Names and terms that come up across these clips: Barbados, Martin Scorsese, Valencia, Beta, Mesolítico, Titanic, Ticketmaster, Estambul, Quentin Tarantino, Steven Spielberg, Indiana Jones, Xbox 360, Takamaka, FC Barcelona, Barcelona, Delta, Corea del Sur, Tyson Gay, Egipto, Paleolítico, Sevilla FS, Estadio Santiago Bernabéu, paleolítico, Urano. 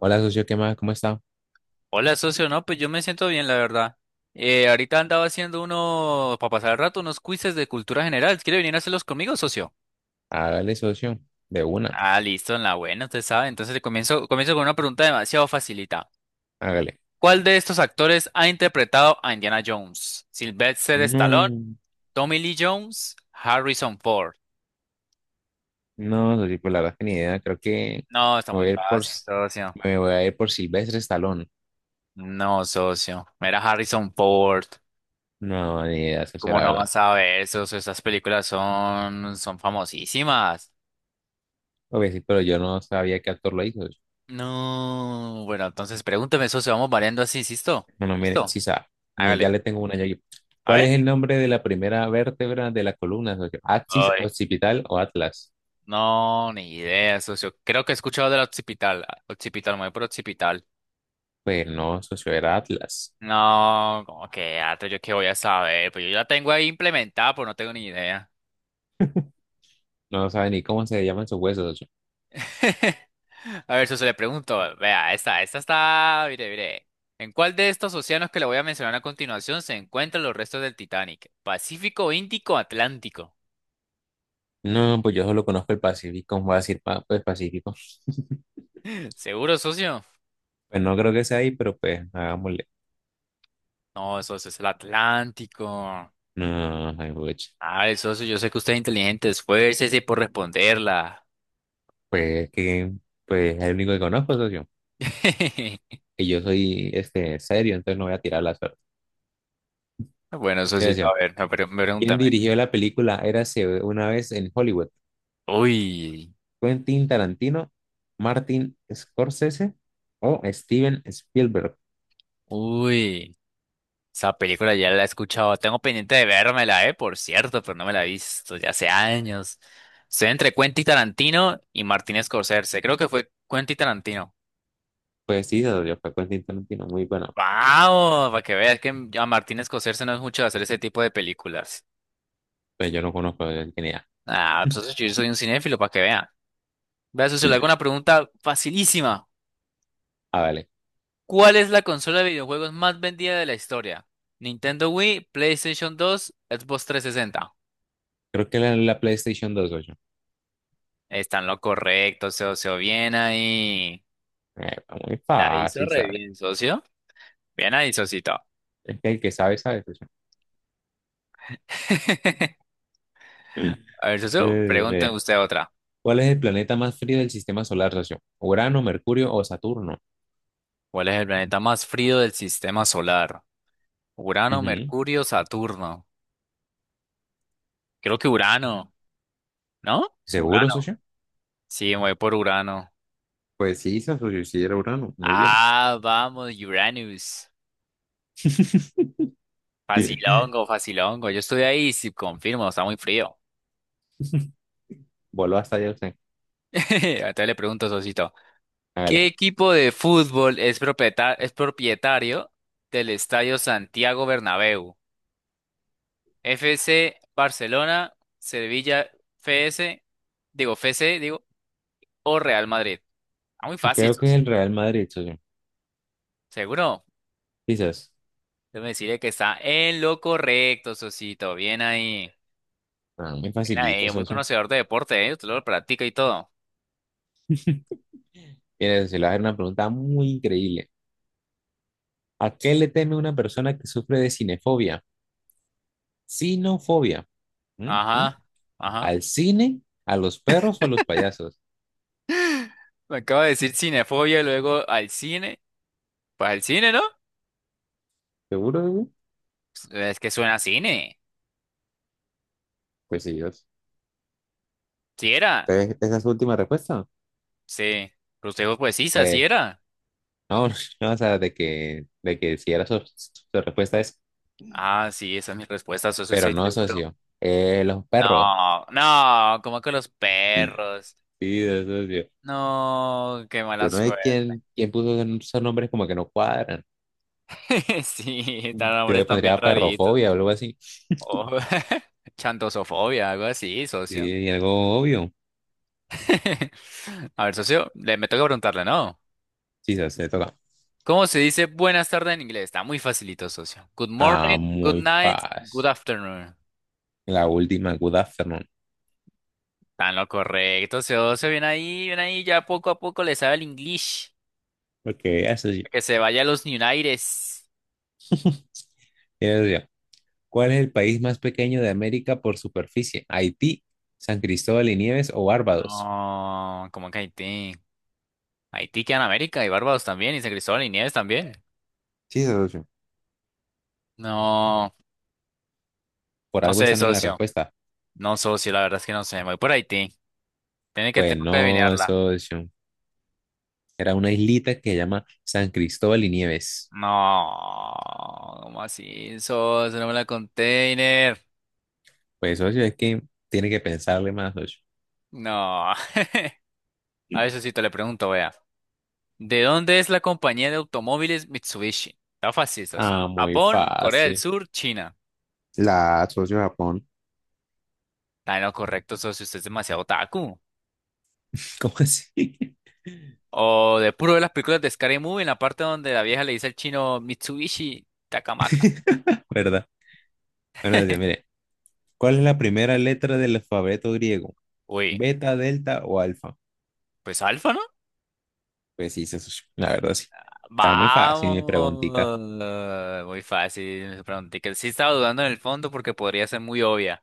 Hola, socio, ¿qué más? ¿Cómo está? Hola, socio. No, pues yo me siento bien, la verdad. Ahorita andaba haciendo uno, para pasar el rato, unos quizzes de cultura general. ¿Quiere venir a hacerlos conmigo, socio? Hágale, socio, de una, Ah, listo, en la buena, usted sabe. Entonces le comienzo con una pregunta demasiado facilita. hágale. ¿Cuál de estos actores ha interpretado a Indiana Jones? ¿Sylvester Stallone, No, Tommy Lee Jones, Harrison Ford? no, socio, pues la verdad es que ni idea, creo que No, está muy voy a ir por, fácil, socio. me voy a ir por Silvestre Stallone. No, socio. Era Harrison Ford. No, ni idea, socio, ¿Cómo la no verdad. vas a ver, socio? Esas películas son famosísimas. Obvio, sí, pero yo no sabía qué actor lo hizo, socio. No, bueno, entonces pregúnteme, socio, vamos variando así, ¿listo? Bueno, mire, ¿Listo? sí sabe, ya Hágale. le tengo una yo aquí. A ¿Cuál ver. es el nombre de la primera vértebra de la columna, socio? ¿Axis, Ay, occipital o Atlas? no, ni idea, socio. Creo que he escuchado del occipital. Ah, occipital, me voy por occipital. Pues no, socio, era Atlas. No, como que gato, yo qué voy a saber. Pues yo ya la tengo ahí implementada, pues no tengo ni idea. No sabe ni cómo se llaman sus huesos, socio. A ver, socio, le pregunto. Vea, esta está. Mire, mire. ¿En cuál de estos océanos que le voy a mencionar a continuación se encuentran los restos del Titanic? ¿Pacífico, Índico, Atlántico? No, pues yo solo conozco el Pacífico, voy a decir pues Pacífico. ¿Seguro, socio? Pues no creo que sea ahí, pero pues hagámosle. No, eso es el Atlántico. No, ay, pucha. Ah, eso, yo sé que usted es inteligente, esfuércese por responderla. Pues que, pues es el único que conozco, socio. Y yo soy este serio, entonces no voy a tirar la suerte. Bueno, eso Yo sí, a decía, ver, me ¿quién pregúntame. dirigió la película Érase una vez en Hollywood? Uy, ¿Quentin Tarantino, Martin Scorsese o Steven Spielberg? uy, esa película ya la he escuchado. Tengo pendiente de vérmela, por cierto, pero no me la he visto ya hace años. Estoy entre Quentin Tarantino y Martin Scorsese. Creo que fue Quentin Tarantino. Pues sí, socio, fue Quentin Tarantino, muy bueno. ¡Wow! Para que veas que a Martin Scorsese no es mucho de hacer ese tipo de películas. Pues yo no conozco de quién era. Ah, pues yo soy un cinéfilo, para que vean. Vea, socio, le hago una pregunta facilísima. Ah, vale. ¿Cuál es la consola de videojuegos más vendida de la historia? Nintendo Wii, PlayStation 2, Xbox 360. Creo que la PlayStation 2, socio. Está en lo correcto, socio. Bien ahí. Eh, muy La hizo fácil, re ¿sabes? bien, socio. Bien ahí, socito. Es que el que sabe, sabe, socio. A ver, socio, Eh, pregúnteme mire, usted otra. ¿cuál es el planeta más frío del sistema solar, socio? ¿Urano, Mercurio o Saturno? ¿Cuál es el planeta más frío del sistema solar? Urano, Ujú. Mercurio, Saturno. Creo que Urano, ¿no? ¿Seguro, Urano. socio? Sí, me voy por Urano. Pues sí, socio, sí era Urano. Muy bien. Ah, vamos, Uranus. Facilongo, facilongo. Yo estoy ahí, sí, confirmo, está muy frío. Voló hasta allá usted. Entonces le pregunto, Sosito, ¿qué Hágale. equipo de fútbol es propietario del Estadio Santiago Bernabéu? FC Barcelona, Sevilla FS, digo FC, digo, o Real Madrid. Está muy fácil, Creo que es Sos. el Real Madrid, socio. ¿Seguro? Quizás. Déjame decirle que está en lo correcto, Sosito. Bien ahí. Ah, muy Bien facilito, ahí, muy socio. conocedor de deporte, ¿eh? Usted lo practica y todo. Mire, se le va a hacer una pregunta muy increíble. ¿A qué le teme una persona que sufre de cinefobia? Cinofobia. ¿Mm? ¿Mm? Ajá, ajá. ¿Al cine, a los perros o a los payasos? Me acaba de decir cinefobia y luego al cine. Pues al cine, ¿no? ¿Seguro, socio? Es que suena a cine. Pues sí, socio. Sí era. Entonces, ¿esa es su última respuesta? Sí. Usted dijo, pues sí, así Pues, era. no, no, o sea, de que si era su, su respuesta es, Ah, sí, esa es mi respuesta, eso pero estoy no, seguro. socio. Los perros. No, no, como con los perros. Sí, de socio. No, qué mala Yo no sé suerte. quién puso esos nombres como que no cuadran. Sí, Yo están nombres le también pondría raritos. perrofobia o algo así. Oh, Chantosofobia, algo así, Sí, socio. y algo obvio. A ver, socio, le me toca preguntarle, ¿no? Sí, se toca. ¿Cómo se dice buenas tardes en inglés? Está muy facilito, socio. Good Ah, morning, good muy night, good fácil. afternoon. La última, good afternoon. Está en lo correcto, socio. Bien ahí, bien ahí. Ya poco a poco le sabe el inglés. Porque eso sí. Que se vaya a los Unites. Eso sí. ¿Cuál es el país más pequeño de América por superficie? ¿Haití, San Cristóbal y Nieves o Barbados? No, como que Haití. Haití queda en América y Barbados también y San Cristóbal y Nieves también. Sí, socio. No, Por no algo sé, están en la socio. respuesta. No, socio, la verdad es que no sé. Me voy por Haití. Tiene que, Pues tengo que no, adivinarla. socio. Era una islita que se llama San Cristóbal y Nieves. No, ¿cómo así, socio? No me la container. Pues, socio, es que tiene que pensarle más, socio. No. A eso sí te le pregunto, vea. ¿De dónde es la compañía de automóviles Mitsubishi? Está fácil, socio. Ah, muy Japón, Corea del fácil. Sur, China. La socio Japón. Está en lo correcto, socio. Usted es demasiado otaku. ¿Cómo así? O de puro de las películas de Scary Movie, en la parte donde la vieja le dice al chino Mitsubishi Takamaka. ¿Verdad? Bueno, dice, mire, ¿cuál es la primera letra del alfabeto griego? Uy, ¿Beta, delta o alfa? pues Alfa, ¿no? Pues sí, sí, socio, la verdad sí. Está muy fácil mi preguntita. Vamos. Muy fácil. Me pregunté que sí estaba dudando en el fondo porque podría ser muy obvia.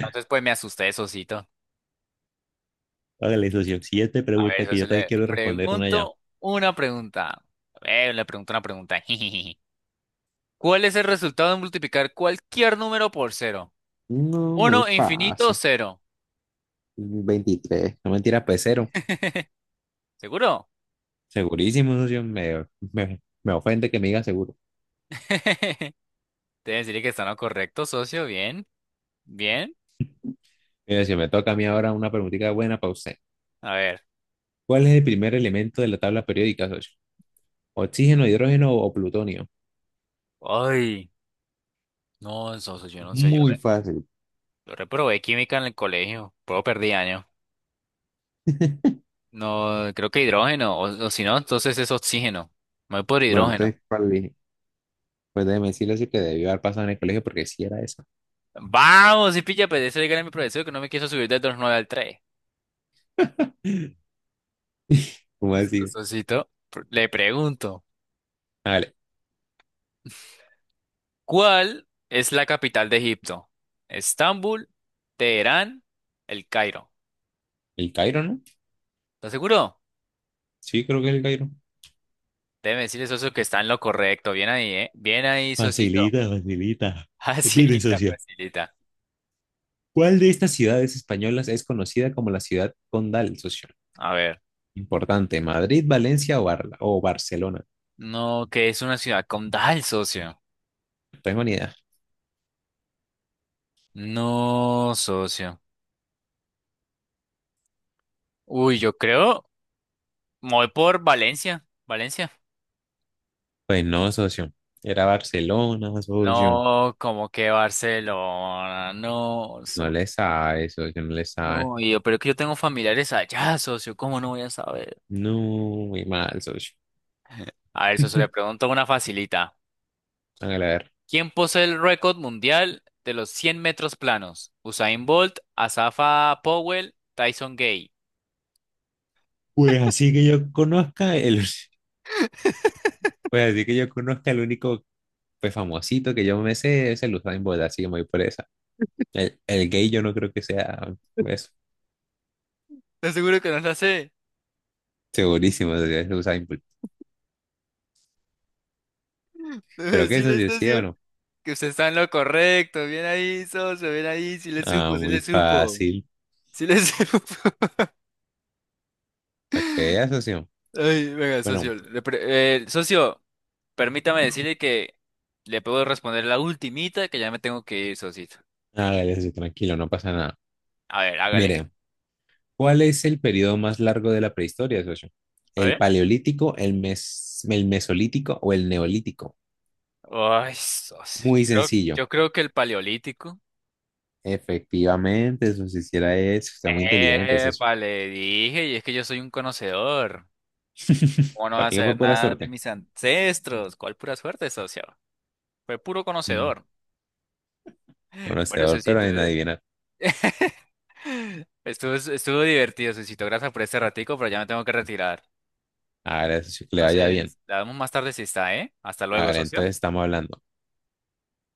Entonces, pues me asusté, socito. Hágale, socio. Siguiente A pregunta ver, que eso yo también le quiero responder una ya. pregunto una pregunta. A ver, le pregunto una pregunta. ¿Cuál es el resultado de multiplicar cualquier número por cero? No, muy Uno, infinito, fácil. cero. Veintitrés. No, mentira, pues cero. ¿Seguro? Segurísimo, socio. Me ofende que me diga seguro. Te deciré que está en lo correcto, socio. Bien, bien. Mire, si me toca a mí ahora una preguntita buena para usted. A ver. ¿Cuál es el primer elemento de la tabla periódica, socio? ¿Oxígeno, hidrógeno o plutonio? Ay, no, socio, yo no sé. Yo, Muy re- fácil. yo reprobé química en el colegio. Puedo perdí año. No, creo que hidrógeno. O si no, entonces es oxígeno. Me voy por Bueno, hidrógeno. entonces, ¿cuál dije? Pues déjeme decirle, socio, que debió haber pasado en el colegio porque sí era eso. Vamos, y pilla, pues eso dígale a mi profesor que no me quiso subir del dos nueve al tres. ¿Cómo Listo, decir? socito. Le pregunto, Vale, ¿cuál es la capital de Egipto? ¿Estambul, Teherán, El Cairo? el Cairo, ¿no? ¿Estás seguro? Sí, creo que es el Cairo. Debe decirle, socio, que está en lo correcto. Bien ahí, ¿eh? Bien ahí, socito. Facilita, facilita. Mire, Facilita, socio. facilita. ¿Cuál de estas ciudades españolas es conocida como la ciudad condal, socio? A ver. Importante, Madrid, Valencia o, o Barcelona. No, que es una ciudad condal, socio. No tengo ni idea. No, socio. Uy, yo creo, me voy por Valencia. Valencia. Pues no, socio. Era Barcelona, socio. No, como que Barcelona, no, No so- le sabe, socio, no le sabe. no, y yo, pero es que yo tengo familiares allá, socio, ¿cómo no voy a saber? No, muy mal, socio. A ver, socio, le pregunto una facilita. Hágale a ver. ¿Quién posee el récord mundial de los 100 metros planos? Usain Bolt, Asafa Powell, Tyson Gay. Pues así que yo conozca el, pues así que yo conozca el único pues famosito que yo me sé es el Usain Bolt, así que me voy por esa. El gay yo no creo que sea, pues, Te seguro que no la sé. segurísimo socio, es Usain Bolt. Debe Pero qué decirle, socio, ¿sí o socio, no? que usted está en lo correcto. Bien ahí, socio, bien ahí, sí le Ah, supo, sí muy le supo, fácil. sí le supo. Para que veas, socio. Ay, venga, Bueno, socio. Socio, permítame decirle que le puedo responder la ultimita que ya me tengo que ir, socito. hágale, socio, tranquilo, no pasa nada. A ver, hágale. Mire, ¿cuál es el periodo más largo de la prehistoria, socio? A ¿El ver. paleolítico, el mesolítico o el neolítico? Ay, socio. Yo Muy creo, sencillo. yo creo que el paleolítico. Efectivamente, socio, si hiciera eso, está muy inteligente, socio. Epa, le dije, y es que yo soy un conocedor. ¿Cómo no va a También fue saber pura nada de suerte. mis ancestros? ¿Cuál pura suerte, socio? Fue puro Mm, conocedor. Bueno, conocedor, pero socito, en adivinar. estuvo divertido, socito. Gracias por este ratico, pero ya me tengo que retirar. Hágale, socio, que le vaya bien. Entonces, la damos más tarde si está, ¿eh? Hasta luego, Hágale, socio. entonces estamos hablando.